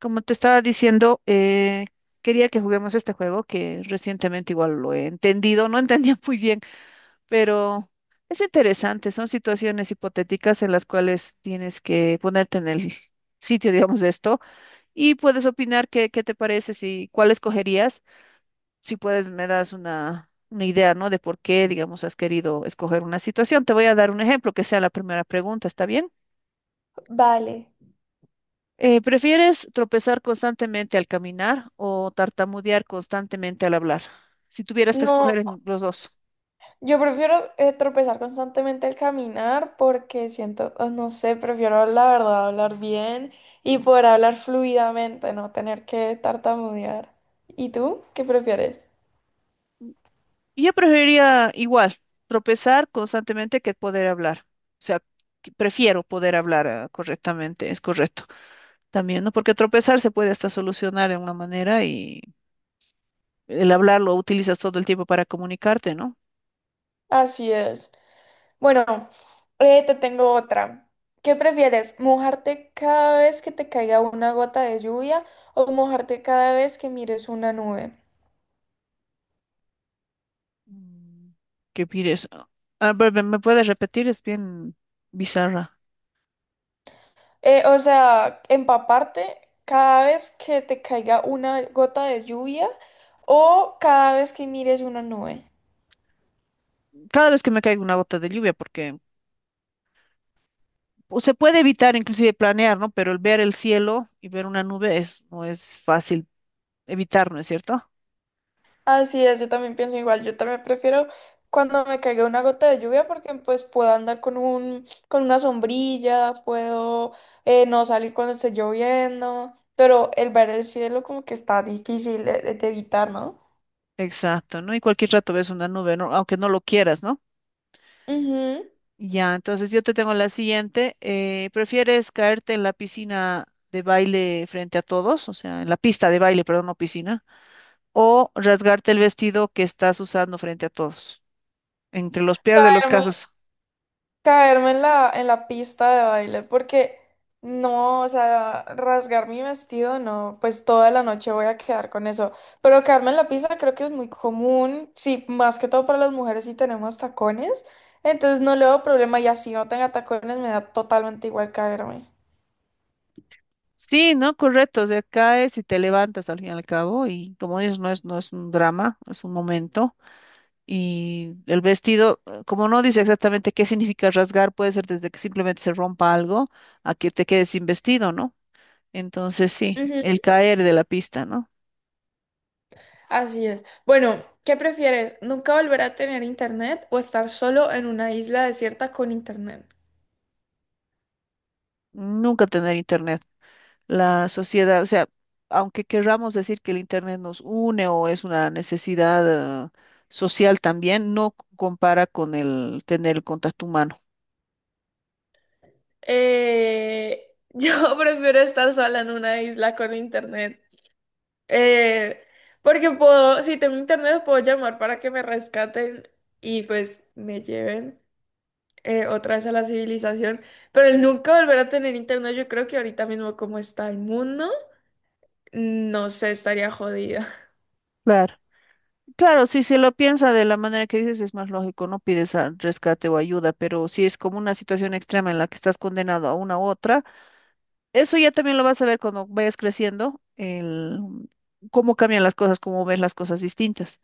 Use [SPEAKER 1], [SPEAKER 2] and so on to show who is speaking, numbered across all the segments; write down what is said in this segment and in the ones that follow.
[SPEAKER 1] Como te estaba diciendo, quería que juguemos este juego que recientemente igual lo he entendido, no entendía muy bien, pero es interesante. Son situaciones hipotéticas en las cuales tienes que ponerte en el sitio, digamos, de esto y puedes opinar qué, qué te parece, si cuál escogerías. Si puedes, me das una idea, ¿no? De por qué, digamos, has querido escoger una situación. Te voy a dar un ejemplo que sea la primera pregunta, ¿está bien?
[SPEAKER 2] Vale.
[SPEAKER 1] ¿Prefieres tropezar constantemente al caminar o tartamudear constantemente al hablar? Si tuvieras que
[SPEAKER 2] No,
[SPEAKER 1] escoger en los dos.
[SPEAKER 2] yo prefiero tropezar constantemente al caminar porque siento, oh, no sé, prefiero la verdad hablar bien y poder hablar fluidamente, no tener que tartamudear. ¿Y tú qué prefieres?
[SPEAKER 1] Yo preferiría igual, tropezar constantemente que poder hablar. O sea, que prefiero poder hablar correctamente, es correcto. También, ¿no? Porque tropezar se puede hasta solucionar de una manera y el hablar lo utilizas todo el tiempo para comunicarte, ¿no?
[SPEAKER 2] Así es. Bueno, te tengo otra. ¿Qué prefieres? ¿Mojarte cada vez que te caiga una gota de lluvia o mojarte cada vez que mires una nube?
[SPEAKER 1] Mm, ¿qué pides? Ah, ¿me puedes repetir? Es bien bizarra.
[SPEAKER 2] O sea, empaparte cada vez que te caiga una gota de lluvia o cada vez que mires una nube.
[SPEAKER 1] Cada vez que me caiga una gota de lluvia, porque o se puede evitar inclusive planear, ¿no? Pero el ver el cielo y ver una nube es, no es fácil evitar, ¿no es cierto?
[SPEAKER 2] Así es, yo también pienso igual. Yo también prefiero cuando me caiga una gota de lluvia porque pues puedo andar con un, con una sombrilla, puedo no salir cuando esté lloviendo, pero el ver el cielo como que está difícil de, de evitar, ¿no?
[SPEAKER 1] Exacto, ¿no? Y cualquier rato ves una nube, ¿no? Aunque no lo quieras, ¿no?
[SPEAKER 2] Ujú.
[SPEAKER 1] Ya, entonces yo te tengo la siguiente. ¿Prefieres caerte en la piscina de baile frente a todos? O sea, en la pista de baile, perdón, no piscina. ¿O rasgarte el vestido que estás usando frente a todos? Entre los peores de los casos.
[SPEAKER 2] Caerme en la pista de baile, porque no, o sea, rasgar mi vestido, no, pues toda la noche voy a quedar con eso. Pero caerme en la pista creo que es muy común, sí, más que todo para las mujeres si tenemos tacones, entonces no le veo problema y así no tenga tacones me da totalmente igual caerme.
[SPEAKER 1] Sí, ¿no? Correcto. O sea, caes y te levantas al fin y al cabo. Y como dices, no es, no es un drama, es un momento. Y el vestido, como no dice exactamente qué significa rasgar, puede ser desde que simplemente se rompa algo a que te quedes sin vestido, ¿no? Entonces, sí,
[SPEAKER 2] Ujú,
[SPEAKER 1] el caer de la pista, ¿no?
[SPEAKER 2] así es. Bueno, ¿qué prefieres? ¿Nunca volver a tener internet o estar solo en una isla desierta con internet?
[SPEAKER 1] Nunca tener internet. La sociedad, o sea, aunque querramos decir que el internet nos une o es una necesidad, social también, no c- compara con el tener el contacto humano.
[SPEAKER 2] Yo prefiero estar sola en una isla con internet. Eh, Porque puedo, si tengo internet, puedo llamar para que me rescaten y pues me lleven otra vez a la civilización. Pero el nunca volver a tener internet, yo creo que ahorita mismo como está el mundo, no sé, estaría jodida.
[SPEAKER 1] Claro. Claro, si se lo piensa de la manera que dices, es más lógico, no pides rescate o ayuda, pero si es como una situación extrema en la que estás condenado a una u otra, eso ya también lo vas a ver cuando vayas creciendo, el, cómo cambian las cosas, cómo ves las cosas distintas.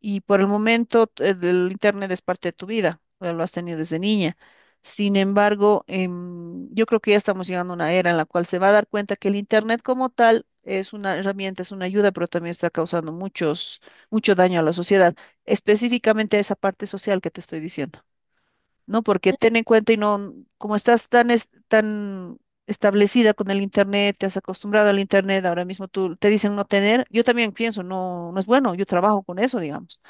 [SPEAKER 1] Y por el momento el Internet es parte de tu vida, lo has tenido desde niña. Sin embargo, yo creo que ya estamos llegando a una era en la cual se va a dar cuenta que el Internet como tal es una herramienta, es una ayuda, pero también está causando mucho daño a la sociedad, específicamente a esa parte social que te estoy diciendo, ¿no? Porque ten en cuenta y no, como estás tan, tan establecida con el Internet, te has acostumbrado al Internet, ahora mismo tú te dicen no tener, yo también pienso, no, no es bueno, yo trabajo con eso, digamos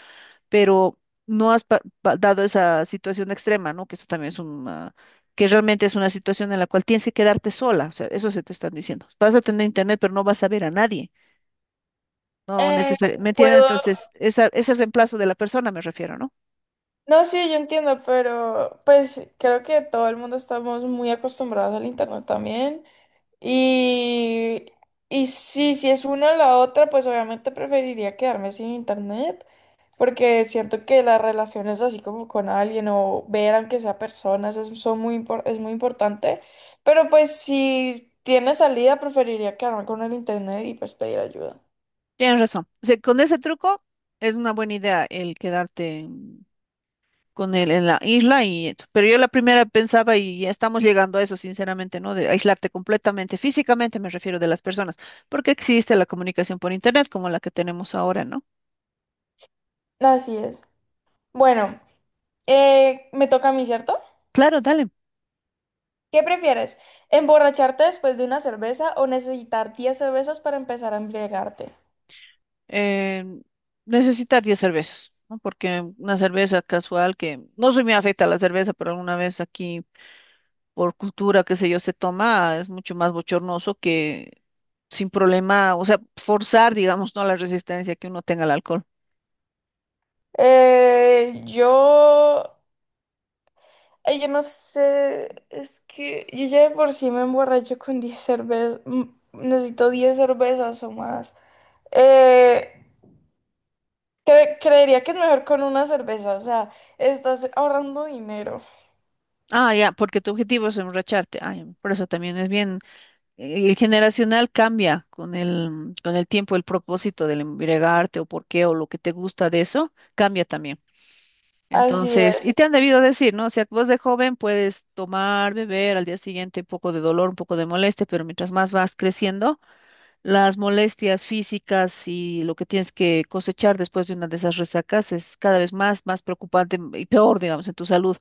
[SPEAKER 1] pero no has dado esa situación extrema, ¿no? Que eso también es una, que realmente es una situación en la cual tienes que quedarte sola, o sea, eso se te están diciendo. Vas a tener internet, pero no vas a ver a nadie, no
[SPEAKER 2] Eh,
[SPEAKER 1] necesariamente, ¿me entiendes?
[SPEAKER 2] Puedo.
[SPEAKER 1] Entonces, esa, es el reemplazo de la persona, me refiero, ¿no?
[SPEAKER 2] No, sí, yo entiendo, pero pues creo que todo el mundo estamos muy acostumbrados al internet también. Y, y sí, si es una o la otra, pues obviamente preferiría quedarme sin internet, porque siento que las relaciones así como con alguien o ver aunque sea personas es, son muy, es muy importante. Pero pues si tiene salida, preferiría quedarme con el internet y pues pedir ayuda.
[SPEAKER 1] Tienes razón. O sea, con ese truco es una buena idea el quedarte con él en la isla y esto. Pero yo la primera pensaba y ya estamos llegando a eso sinceramente, ¿no? De aislarte completamente, físicamente me refiero de las personas, porque existe la comunicación por internet como la que tenemos ahora, ¿no?
[SPEAKER 2] Así es. Bueno, me toca a mí, ¿cierto?
[SPEAKER 1] Claro, dale.
[SPEAKER 2] ¿Qué prefieres? ¿Emborracharte después de una cerveza o necesitar 10 cervezas para empezar a embriagarte?
[SPEAKER 1] Eh, necesitar 10 cervezas, ¿no? Porque una cerveza casual que no soy muy afecta a la cerveza, pero alguna vez aquí por cultura, qué sé yo, se toma, es mucho más bochornoso que sin problema, o sea, forzar, digamos, no la resistencia que uno tenga al alcohol.
[SPEAKER 2] Eh, yo... Ay, yo no sé, es que yo ya de por sí me emborracho con 10 cervezas, necesito 10 cervezas o más. Eh, Creería que es mejor con una cerveza, o sea, estás ahorrando dinero.
[SPEAKER 1] Ah, ya, porque tu objetivo es emborracharte. Ay, por eso también es bien. El generacional cambia con el tiempo, el propósito del embriagarte o por qué o lo que te gusta de eso, cambia también.
[SPEAKER 2] Así
[SPEAKER 1] Entonces,
[SPEAKER 2] es.
[SPEAKER 1] y te han debido decir, ¿no? O sea, vos de joven puedes tomar, beber, al día siguiente un poco de dolor, un poco de molestia, pero mientras más vas creciendo, las molestias físicas y lo que tienes que cosechar después de una de esas resacas es cada vez más, más preocupante y peor, digamos, en tu salud.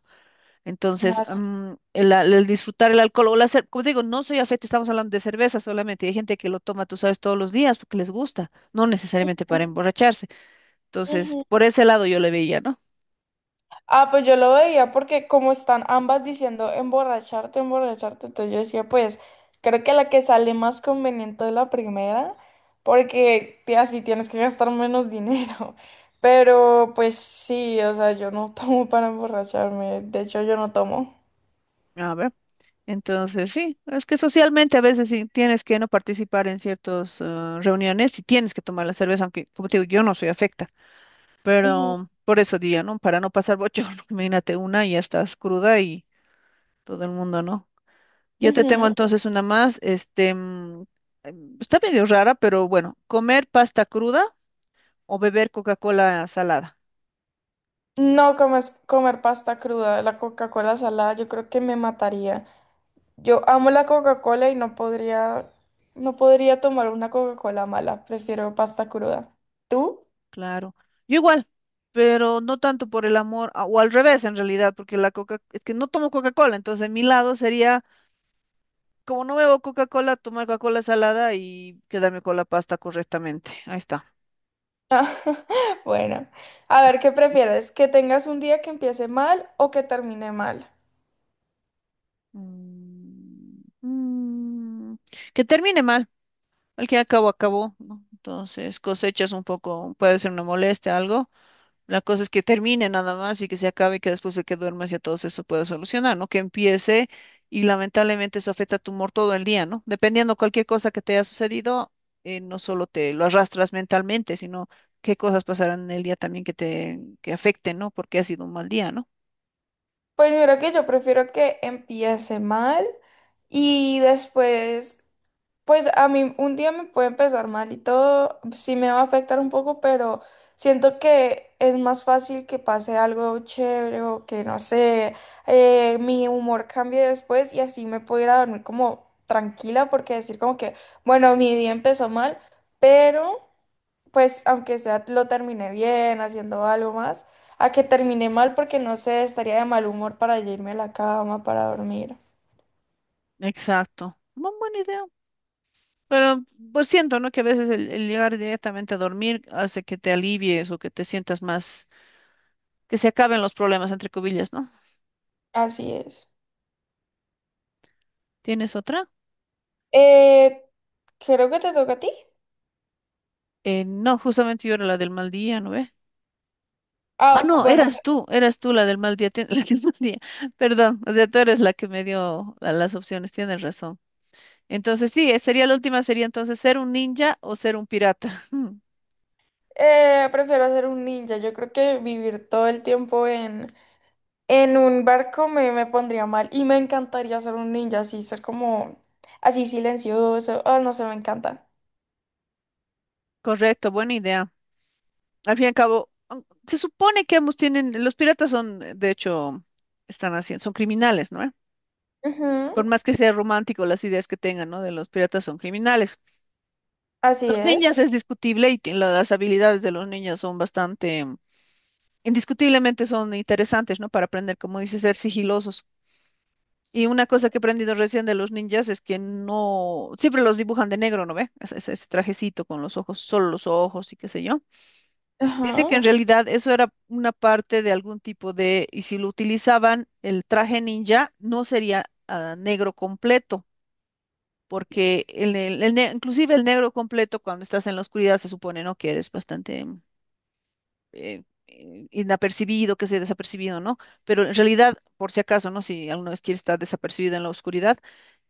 [SPEAKER 1] Entonces,
[SPEAKER 2] Así.
[SPEAKER 1] mm, el, el disfrutar el alcohol o la como te digo, no soy afecta, estamos hablando de cerveza solamente. Hay gente que lo toma, tú sabes, todos los días porque les gusta, no necesariamente para emborracharse. Entonces,
[SPEAKER 2] Ujú.
[SPEAKER 1] por ese lado yo le veía, ¿no?
[SPEAKER 2] Ah, pues yo lo veía porque como están ambas diciendo emborracharte, emborracharte, entonces yo decía, pues creo que la que sale más conveniente es la primera, porque así tienes que gastar menos dinero. Pero pues sí, o sea, yo no tomo para emborracharme, de hecho yo no tomo.
[SPEAKER 1] A ver, entonces sí, es que socialmente a veces sí tienes que no participar en ciertas reuniones y tienes que tomar la cerveza, aunque, como te digo, yo no soy afecta,
[SPEAKER 2] Ujú,
[SPEAKER 1] pero por eso diría, ¿no? Para no pasar bochorno, imagínate una y ya estás cruda y todo el mundo, ¿no? Yo te tengo
[SPEAKER 2] ujú.
[SPEAKER 1] entonces una más, este, mm, está medio rara, pero bueno, comer pasta cruda o beber Coca-Cola salada,
[SPEAKER 2] No comes- Comer pasta cruda, la Coca-Cola salada, yo creo que me mataría. Yo amo la Coca-Cola y no podría, no podría tomar una Coca-Cola mala. Prefiero pasta cruda. ¿Tú?
[SPEAKER 1] claro. Yo igual, pero no tanto por el amor, o al revés en realidad, porque la Coca, es que no tomo Coca-Cola, entonces mi lado sería, como no bebo Coca-Cola, tomar Coca-Cola salada y quedarme con la pasta correctamente. Ahí está.
[SPEAKER 2] Ah, bueno, a ver, ¿qué prefieres? ¿Que tengas un día que empiece mal o que termine mal?
[SPEAKER 1] Mm, mm, que termine mal. El que acabó, acabó, ¿no? Entonces cosechas un poco, puede ser una molestia, algo. La cosa es que termine nada más y que se acabe y que después de que duermas ya todo eso pueda solucionar, ¿no? Que empiece y lamentablemente eso afecta a tu humor todo el día, ¿no? Dependiendo cualquier cosa que te haya sucedido, no solo te lo arrastras mentalmente, sino qué cosas pasarán en el día también que te que afecten, ¿no? Porque ha sido un mal día, ¿no?
[SPEAKER 2] Pues mira que yo prefiero que empiece mal y después. Pues a mí un día me puede empezar mal y todo, sí me va a afectar un poco, pero siento que es más fácil que pase algo chévere o que no sé, mi humor cambie después y así me puedo ir a dormir como tranquila porque decir como que, bueno, mi día empezó mal, pero pues aunque sea lo terminé bien, haciendo algo más, a que termine mal porque no sé, estaría de mal humor para ya irme a la cama, para dormir.
[SPEAKER 1] Exacto. Buena idea. Pero pues siento, ¿no? Que a veces el llegar directamente a dormir hace que te alivies o que te sientas más, que se acaben los problemas, entre comillas, ¿no?
[SPEAKER 2] Así es.
[SPEAKER 1] ¿Tienes otra?
[SPEAKER 2] Eh, Creo que te toca a ti.
[SPEAKER 1] No, justamente yo era la del mal día, ¿no ves? Ah,
[SPEAKER 2] Ah,
[SPEAKER 1] no,
[SPEAKER 2] bueno,
[SPEAKER 1] eras tú la del mal día, la del mal día. Perdón, o sea, tú eres la que me dio las opciones, tienes razón. Entonces, sí, sería la última, sería entonces ser un ninja o ser un pirata. Mm,
[SPEAKER 2] prefiero ser un ninja. Yo creo que vivir todo el tiempo en un barco me, me pondría mal. Y me encantaría ser un ninja, así ser como así silencioso. Oh, no sé, me encanta.
[SPEAKER 1] correcto, buena idea. Al fin y al cabo, mm, se supone que ambos tienen, los piratas son, de hecho, están haciendo, son criminales, ¿no? ¿Eh?
[SPEAKER 2] Ujú,
[SPEAKER 1] Por más que sea romántico las ideas que tengan, ¿no? De los piratas son criminales.
[SPEAKER 2] así
[SPEAKER 1] Los
[SPEAKER 2] es.
[SPEAKER 1] ninjas es discutible y las habilidades de los ninjas son bastante indiscutiblemente son interesantes, ¿no? Para aprender, como dices, ser sigilosos. Y una cosa que he aprendido recién de los ninjas es que no, siempre los dibujan de negro, ¿no ve? Ese, ese trajecito con los ojos, solo los ojos y qué sé yo. Dice que
[SPEAKER 2] Ajá.
[SPEAKER 1] en realidad eso era una parte de algún tipo de, y si lo utilizaban, el traje ninja no sería negro completo, porque el, el inclusive el negro completo cuando estás en la oscuridad se supone, ¿no? Que eres bastante inapercibido, que sea desapercibido, ¿no? Pero en realidad, por si acaso, ¿no? Si alguna vez quieres estar desapercibido en la oscuridad,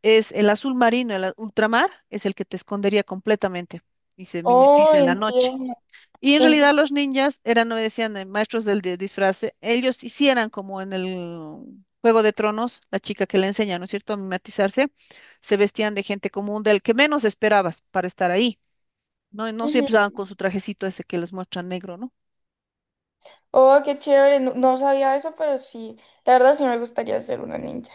[SPEAKER 1] es el azul marino, el ultramar, es el que te escondería completamente y se
[SPEAKER 2] Oh,
[SPEAKER 1] mimetiza en la noche.
[SPEAKER 2] entiendo.
[SPEAKER 1] Y en
[SPEAKER 2] ent-
[SPEAKER 1] realidad los ninjas eran, no decían, maestros del de disfraz, ellos hicieran como en el Juego de Tronos, la chica que le enseña, ¿no es cierto?, a mimetizarse, se vestían de gente común, del que menos esperabas para estar ahí, ¿no? Y no
[SPEAKER 2] Ujú.
[SPEAKER 1] siempre estaban con su trajecito ese que les muestra negro, ¿no?
[SPEAKER 2] Oh, qué chévere. No, no sabía eso, pero sí. La verdad sí me gustaría ser una ninja.